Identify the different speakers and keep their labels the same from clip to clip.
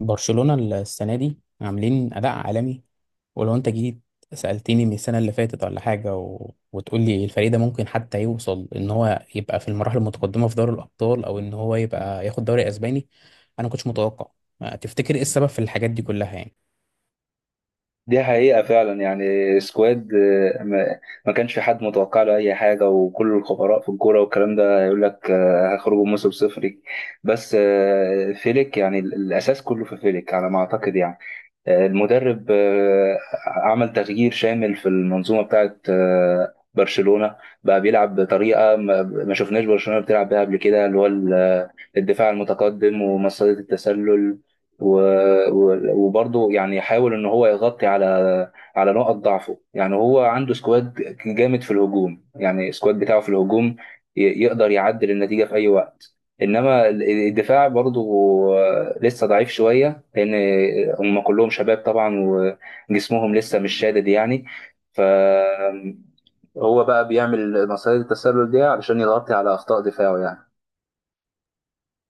Speaker 1: برشلونة السنة دي عاملين أداء عالمي. ولو أنت جيت سألتني من السنة اللي فاتت ولا حاجة و... وتقول لي الفريق ده ممكن حتى يوصل إن هو يبقى في المراحل المتقدمة في دوري الأبطال أو إن هو يبقى ياخد دوري أسباني، أنا كنتش متوقع. تفتكر إيه السبب في الحاجات دي كلها يعني؟
Speaker 2: دي حقيقة فعلا يعني سكواد ما كانش في حد متوقع له أي حاجة، وكل الخبراء في الكورة والكلام ده يقول لك هيخرجوا موسم صفري. بس فيليك، يعني الأساس كله في فيليك على ما أعتقد. يعني المدرب عمل تغيير شامل في المنظومة بتاعت برشلونة، بقى بيلعب بطريقة ما شفناش برشلونة بتلعب بيها قبل كده، اللي هو الدفاع المتقدم ومصيدة التسلل. وبرضه يعني يحاول ان هو يغطي على نقط ضعفه. يعني هو عنده سكواد جامد في الهجوم، يعني السكواد بتاعه في الهجوم يقدر يعدل النتيجة في اي وقت. انما الدفاع برضه لسه ضعيف شوية، لأن هم كلهم شباب طبعا وجسمهم لسه مش شادد، يعني فهو بقى بيعمل مصيدة التسلل دي علشان يغطي على أخطاء دفاعه يعني.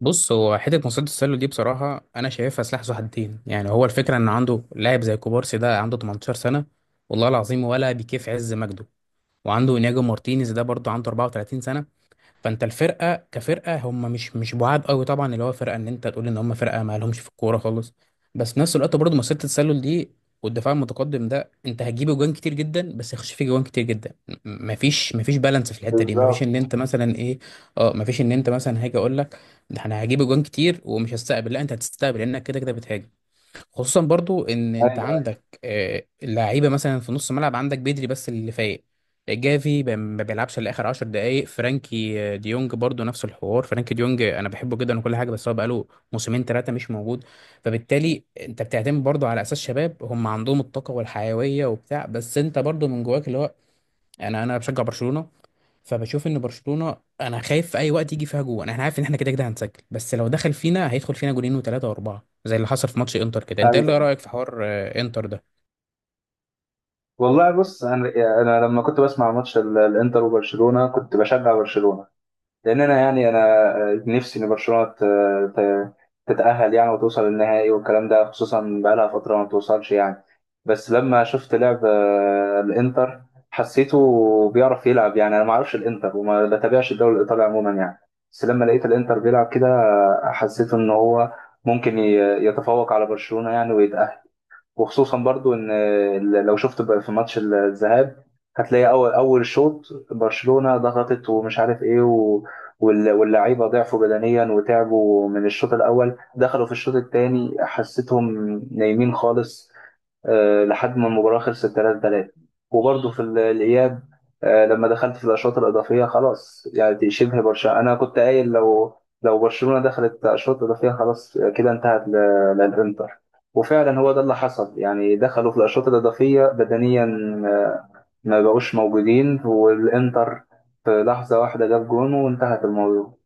Speaker 1: بص، هو حتة مصيدة التسلل دي بصراحة أنا شايفها سلاح ذو حدين، يعني هو الفكرة إن عنده لاعب زي كوبارسي ده عنده 18 سنة، والله العظيم ولا بيكيف عز مجده. وعنده إنياجو مارتينيز ده برضه عنده 34 سنة. فانت الفرقه كفرقه هم مش بعاد قوي طبعا، اللي هو فرقه ان انت تقول ان هم فرقه ما لهمش في الكوره خالص. بس في نفس الوقت برضه مسيره التسلل دي والدفاع المتقدم ده، انت هتجيب جوان كتير جدا بس هيخش فيه جوان كتير جدا. مفيش بالانس في الحته دي، مفيش
Speaker 2: بالظبط.
Speaker 1: ان انت مثلا ايه اه مفيش ان انت مثلا هاجي اقول لك ده انا هجيب جوان كتير ومش هستقبل، لا انت هتستقبل لانك كده كده بتهاجم. خصوصا برضو ان انت
Speaker 2: ايوه
Speaker 1: عندك اللعيبه مثلا في نص ملعب، عندك بدري بس اللي فايق. جافي ما بيلعبش الا اخر 10 دقائق. فرانكي ديونج برضو نفس الحوار. فرانكي ديونج انا بحبه جدا وكل حاجه، بس هو بقاله موسمين ثلاثه مش موجود. فبالتالي انت بتعتمد برضو على اساس شباب، هم عندهم الطاقه والحيويه وبتاع، بس انت برضو من جواك اللي هو انا بشجع برشلونه. فبشوف ان برشلونه انا خايف في اي وقت يجي فيها جون، احنا عارف ان احنا كده كده هنسجل، بس لو دخل فينا هيدخل فينا جونين وثلاثه واربعه زي اللي حصل في ماتش انتر كده. انت ايه
Speaker 2: ايوه.
Speaker 1: اللي رايك في حوار انتر ده؟
Speaker 2: والله بص، انا لما كنت بسمع ماتش الانتر وبرشلونه كنت بشجع برشلونه، لان انا يعني انا نفسي ان برشلونه ت- تتاهل يعني وتوصل للنهائي والكلام ده، خصوصا بقالها فتره ما بتوصلش يعني. بس لما شفت لعب الانتر حسيته بيعرف يلعب، يعني انا ما اعرفش الانتر وما بتابعش الدوري الايطالي عموما يعني. بس لما لقيت الانتر بيلعب كده حسيت ان هو ممكن يتفوق على برشلونه يعني، ويتاهل. وخصوصا برضو ان لو شفت بقى في ماتش الذهاب هتلاقي اول اول شوط برشلونة ضغطت ومش عارف ايه واللعيبه ضعفوا بدنيا وتعبوا من الشوط الاول، دخلوا في الشوط الثاني حسيتهم نايمين خالص لحد ما المباراة خلصت 3-3. وبرضه في الإياب لما دخلت في الأشواط الإضافية خلاص يعني، دي شبه برشلونة، أنا كنت قايل لو برشلونة دخلت أشواط إضافية خلاص كده انتهت للإنتر. وفعلا هو ده اللي حصل، يعني دخلوا في الأشواط الإضافية بدنيا آه، ما بقوش موجودين، والإنتر في لحظة واحدة جاب جون وانتهت الموضوع.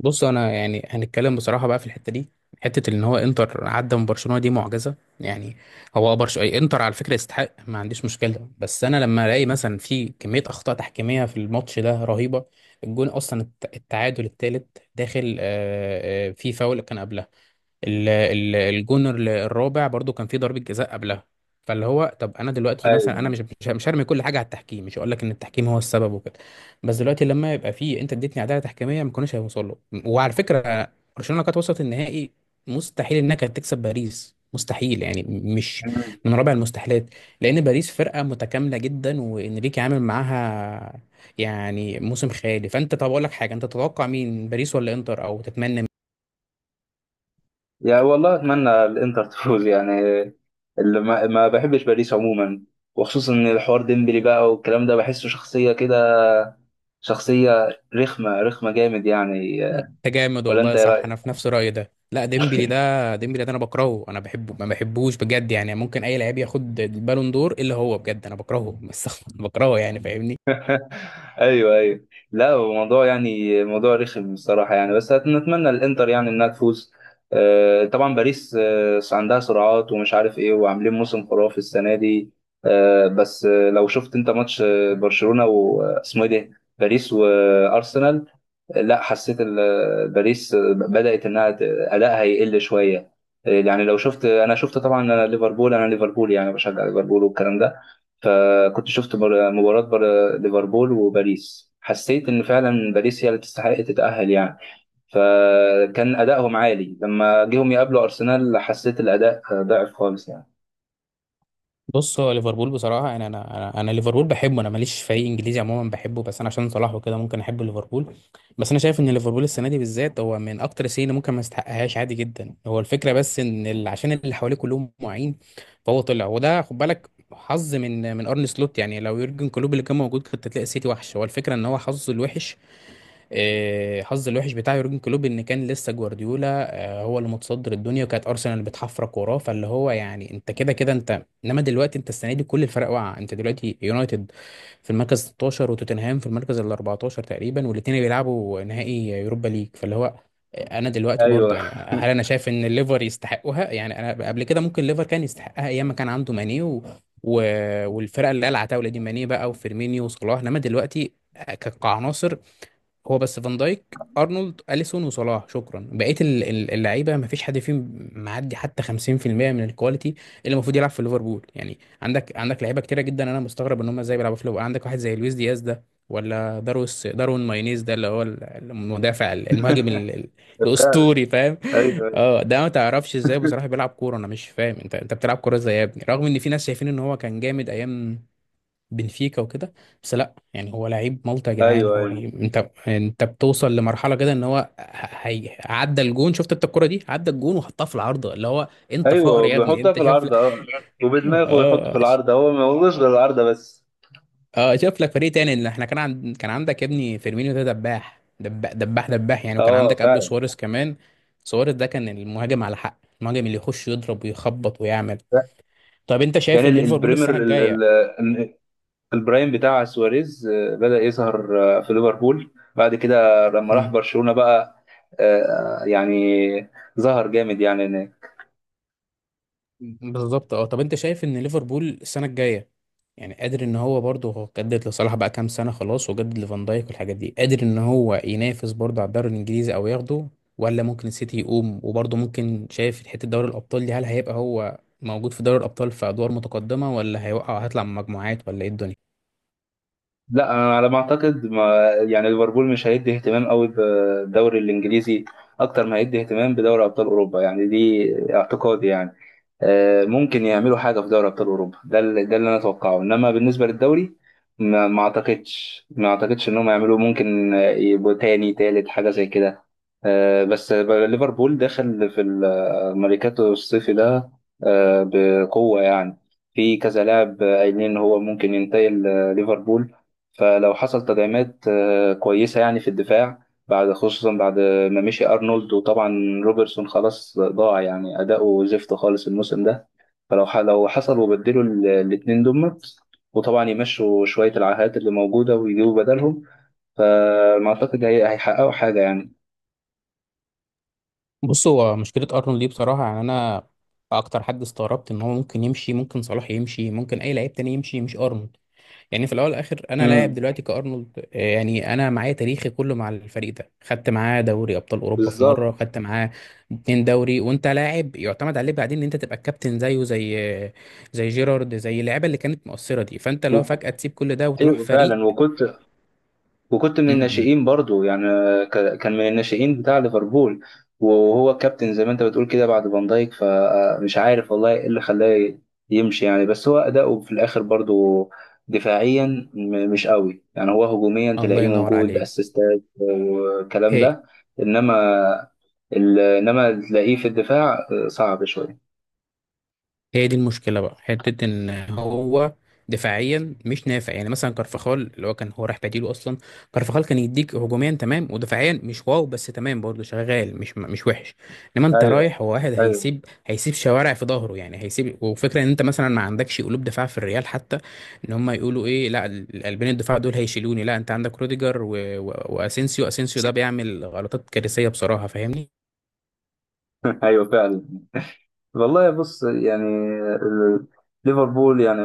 Speaker 1: بص انا يعني هنتكلم بصراحه بقى في الحته دي، حته ان هو انتر عدى من برشلونه دي معجزه. يعني هو انتر على فكره يستحق، ما عنديش مشكله، بس انا لما الاقي مثلا في كميه اخطاء تحكيميه في الماتش ده رهيبه. الجون اصلا التعادل الثالث داخل في فاول كان قبلها. الجون الرابع برضو كان فيه ضربة جزاء قبلها. فاللي هو طب انا دلوقتي مثلا انا مش
Speaker 2: ايوه
Speaker 1: مش مش هرمي كل حاجه على التحكيم، مش هقول لك ان التحكيم هو السبب وكده، بس دلوقتي لما يبقى فيه انت اديتني عداله تحكيميه ما كناش هيوصل له. وعلى فكره برشلونه لو كانت وصلت النهائي، مستحيل انها كانت تكسب باريس، مستحيل يعني، مش من رابع المستحيلات، لان باريس فرقه متكامله جدا، وانريكي عامل معاها يعني موسم خيالي. فانت طب اقول لك حاجه، انت تتوقع مين، باريس ولا انتر، او تتمنى؟
Speaker 2: يعني والله اتمنى الانتر تفوز يعني، اللي ما بحبش باريس عموما، وخصوصا ان الحوار ديمبلي بقى والكلام ده بحسه شخصيه كده، شخصيه رخمه جامد يعني.
Speaker 1: انت جامد،
Speaker 2: ولا انت
Speaker 1: والله
Speaker 2: ايه
Speaker 1: صح،
Speaker 2: رايك؟
Speaker 1: انا في نفس رايي ده. لا ديمبلي ده، ديمبلي ده انا بكرهه، انا بحبه ما بحبوش بجد يعني، ممكن اي لعيب ياخد البالون دور الا هو بجد، انا بكرهه بس بكرهه يعني، فاهمني.
Speaker 2: ايوه ايوه. لا هو موضوع يعني موضوع رخم الصراحه يعني، بس نتمنى الانتر يعني انها تفوز. طبعا باريس عندها سرعات ومش عارف ايه، وعاملين موسم خرافي السنه دي. بس لو شفت انت ماتش برشلونه واسمه ايه ده، باريس وارسنال. لا حسيت باريس بدأت انها ادائها يقل شويه. يعني لو شفت، انا شفت طبعا، انا ليفربول، انا ليفربول يعني بشجع ليفربول والكلام ده. فكنت شفت مباراه ليفربول وباريس، حسيت ان فعلا باريس هي اللي تستحق تتأهل يعني. فكان ادائهم عالي، لما جيهم يقابلوا ارسنال حسيت الاداء ضعف خالص يعني.
Speaker 1: بص هو ليفربول بصراحه يعني، انا ليفربول بحبه. انا ماليش فريق انجليزي عموما بحبه، بس انا عشان صلاح وكده ممكن احب ليفربول. بس انا شايف ان ليفربول السنه دي بالذات هو من اكتر السنين اللي ممكن ما يستحقهاش، عادي جدا. هو الفكره بس ان عشان اللي حواليه كلهم معين، فهو طلع، وده خد بالك حظ من ارن سلوت. يعني لو يورجن كلوب اللي كان موجود كنت هتلاقي السيتي وحش. هو الفكره ان هو حظه الوحش، حظ الوحش بتاع يورجن كلوب ان كان لسه جوارديولا هو اللي متصدر الدنيا، وكانت ارسنال بتحفرك وراه. فاللي هو يعني انت كده كده انت، انما دلوقتي انت السنه دي كل الفرق واقعه. انت دلوقتي يونايتد في المركز 16 وتوتنهام في المركز ال 14 تقريبا، والاثنين بيلعبوا نهائي يوروبا ليج. فاللي هو انا دلوقتي
Speaker 2: ايوه
Speaker 1: برضه يعني هل انا شايف ان الليفر يستحقها؟ يعني انا قبل كده ممكن الليفر كان يستحقها ايام ما كان عنده ماني و... و... والفرقه اللي قلعت عتاوله دي، ماني بقى وفيرمينيو وصلاح. انما دلوقتي كعناصر، هو بس فان دايك ارنولد اليسون وصلاح، شكرا. بقيه اللعيبه ما فيش حد فيهم معدي حتى 50% من الكواليتي اللي المفروض يلعب في ليفربول. يعني عندك لعيبه كتيره جدا، انا مستغرب ان هم ازاي بيلعبوا في ليفربول. عندك واحد زي لويس دياز ده، ولا داروين ماينيز ده اللي هو المدافع المهاجم
Speaker 2: فعلا.
Speaker 1: الاسطوري، فاهم؟
Speaker 2: ايوه
Speaker 1: اه ده ما تعرفش ازاي بصراحه بيلعب كوره، انا مش فاهم انت بتلعب كوره ازاي يا ابني، رغم ان في ناس شايفين ان هو كان جامد ايام بنفيكا وكده. بس لا يعني هو لعيب مالطا يا جدعان.
Speaker 2: ايوه ايوه
Speaker 1: انت بتوصل لمرحله كده ان هو عدى الجون، شفت انت الكره دي عدى الجون وحطها في العارضه، اللي هو انت فقر
Speaker 2: ايوه.
Speaker 1: يا ابني،
Speaker 2: بيحطها
Speaker 1: انت
Speaker 2: في
Speaker 1: شوف لك
Speaker 2: العارضه، اه. وبدماغه يحط في
Speaker 1: اه ش-
Speaker 2: العارضه، هو ما هوش غير العارضه بس.
Speaker 1: اه شوف لك فريق تاني. ان احنا كان عندك يا ابني فيرمينيو ده، دباح دباح دباح دباح يعني، وكان
Speaker 2: اه
Speaker 1: عندك قبله
Speaker 2: فعلا.
Speaker 1: سواريز كمان. سواريز ده كان المهاجم على حق، المهاجم اللي يخش يضرب ويخبط ويعمل. طب انت
Speaker 2: كان
Speaker 1: شايف ان ليفربول
Speaker 2: البريمر
Speaker 1: السنه الجايه،
Speaker 2: ال- البرايم بتاع سواريز بدأ يظهر في ليفربول، بعد كده لما راح برشلونة بقى يعني ظهر جامد يعني هناك.
Speaker 1: بالظبط، اه، طب انت شايف ان ليفربول السنه الجايه يعني قادر ان هو برضه، هو جدد لصلاح بقى كام سنه خلاص، وجدد لفان دايك والحاجات دي، قادر ان هو ينافس برضه على الدوري الانجليزي او ياخده؟ ولا ممكن السيتي يقوم؟ وبرضه ممكن شايف حته دوري الابطال دي، هل هيبقى هو موجود في دوري الابطال في ادوار متقدمه، ولا هيوقع هيطلع من مجموعات، ولا ايه الدنيا؟
Speaker 2: لا أنا على ما اعتقد ما يعني ليفربول مش هيدي اهتمام قوي بالدوري الانجليزي اكتر ما هيدي اهتمام بدوري ابطال اوروبا، يعني دي اعتقادي يعني. ممكن يعملوا حاجه في دوري ابطال اوروبا، ده اللي انا اتوقعه، انما بالنسبه للدوري ما اعتقدش انهم يعملوا. ممكن يبقوا تاني تالت حاجه زي كده. بس ليفربول داخل في الميركاتو الصيفي ده بقوه يعني، في كذا لاعب قايلين ان هو ممكن ينتقل ليفربول. فلو حصل تدعيمات كويسة يعني في الدفاع، بعد خصوصا بعد ما مشي أرنولد، وطبعا روبرتسون خلاص ضاع يعني أداؤه زفت خالص الموسم ده. لو حصل وبدلوا الاتنين دمت، وطبعا يمشوا شوية العاهات اللي موجودة ويجيبوا بدلهم، فما أعتقد هيحققوا حاجة يعني.
Speaker 1: بص هو مشكله ارنولد دي بصراحه يعني، انا اكتر حد استغربت ان هو ممكن يمشي، ممكن صلاح يمشي، ممكن اي لعيب تاني يمشي، مش ارنولد. يعني في الاول والاخر انا لاعب
Speaker 2: امم
Speaker 1: دلوقتي كارنولد يعني انا معايا تاريخي كله مع الفريق ده، خدت معاه دوري ابطال اوروبا في مره،
Speaker 2: بالظبط.
Speaker 1: خدت معاه اتنين دوري، وانت لاعب يعتمد عليه، بعدين ان انت تبقى الكابتن زيه، زي جيرارد، زي اللعيبه اللي كانت مؤثره دي. فانت لو
Speaker 2: و-
Speaker 1: فجاه تسيب كل ده وتروح
Speaker 2: أيوه
Speaker 1: فريق
Speaker 2: فعلا، وكنت من
Speaker 1: م -م.
Speaker 2: الناشئين برضو يعني. كان من الناشئين بتاع ليفربول وهو كابتن زي ما انت بتقول كده بعد فان دايك. فمش عارف والله ايه اللي خلاه يمشي يعني، بس هو أداؤه في الآخر برضو دفاعيا مش قوي، يعني هو هجوميا
Speaker 1: الله
Speaker 2: تلاقيه
Speaker 1: ينور
Speaker 2: موجود
Speaker 1: عليك.
Speaker 2: اسيستات والكلام
Speaker 1: هي
Speaker 2: ده، انما انما تلاقيه في الدفاع صعب شوية.
Speaker 1: هي دي المشكله بقى، حته ان هو دفاعيا مش نافع. يعني مثلا كارفخال اللي هو كان هو راح بديله اصلا، كارفخال كان يديك هجوميا تمام ودفاعيا مش واو، بس تمام، برضه شغال مش وحش. انما انت
Speaker 2: ايوه
Speaker 1: رايح، هو واحد
Speaker 2: ايوه.
Speaker 1: هيسيب شوارع في ظهره. يعني هيسيب، وفكره ان انت مثلا ما عندكش قلوب دفاع في الريال حتى، ان هم يقولوا ايه، لا القلبين الدفاع دول هيشيلوني، لا انت عندك روديجر و... و... واسينسيو اسينسيو ده بيعمل غلطات كارثيه بصراحه، فاهمني.
Speaker 2: ايوه فعلا. والله بص يعني ال- ليفربول يعني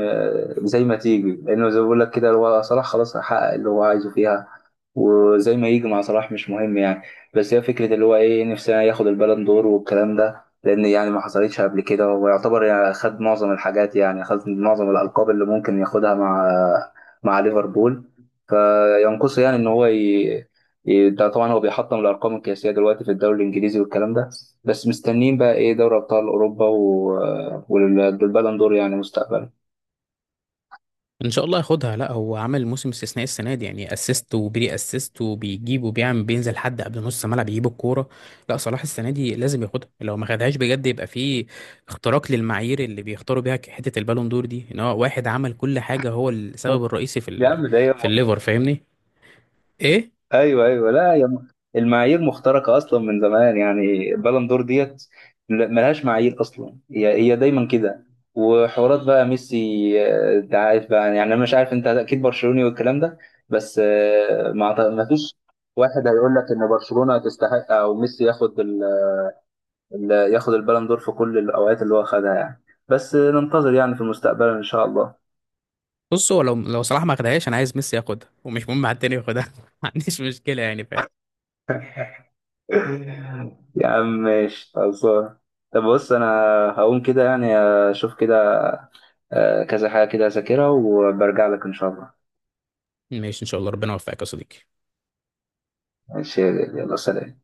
Speaker 2: زي ما تيجي، لانه زي ما بقول لك كده، هو صلاح خلاص حقق اللي هو عايزه فيها، وزي ما يجي مع صلاح مش مهم يعني. بس هي فكره اللي هو ايه، نفسنا ياخد البالون دور والكلام ده، لان يعني ما حصلتش قبل كده، ويعتبر يعني خد معظم الحاجات، يعني خد معظم الالقاب اللي ممكن ياخدها مع ليفربول، فينقصه يعني ان هو إيه ده. طبعا هو بيحطم الارقام القياسيه دلوقتي في الدوري الانجليزي والكلام ده، بس مستنيين بقى ايه، دوري ابطال اوروبا والبالون دور يعني مستقبلا.
Speaker 1: ان شاء الله ياخدها، لا هو عمل موسم استثنائي السنه دي يعني، اسيست وبري اسيست، وبيجيب وبيعمل، بينزل حد قبل نص ملعب يجيب الكوره. لا صلاح السنه دي لازم ياخدها، لو ما خدهاش بجد يبقى في اختراق للمعايير اللي بيختاروا بيها حته البالون دور دي، ان هو واحد عمل كل حاجه، هو السبب الرئيسي
Speaker 2: يا عم ده هي
Speaker 1: في
Speaker 2: م-
Speaker 1: الليفر، فاهمني؟ ايه،
Speaker 2: ايوه ايوه. لا، المعايير مخترقه اصلا من زمان، يعني البالون دور ديت ملهاش معايير اصلا، هي هي دايما كده وحوارات بقى ميسي. انت عارف بقى، يعني انا مش عارف انت اكيد برشلوني والكلام ده، بس ما فيش واحد هيقول لك ان برشلونه تستحق او ميسي ياخد اللي ياخد البالون دور في كل الاوقات اللي هو خدها يعني. بس ننتظر يعني في المستقبل ان شاء الله.
Speaker 1: بص هو لو صلاح ما خدهاش انا عايز ميسي ياخدها، ومش مهم حد تاني ياخدها ما عنديش مشكله يعني، فاهم.
Speaker 2: يا عم ماشي خلصان. طب بص انا هقوم كده يعني، اشوف كده كذا حاجة كده اذاكرها وبرجع لك ان شاء الله.
Speaker 1: ماشي، ان شاء الله ربنا يوفقك يا صديقي.
Speaker 2: ماشي. يلا سلام.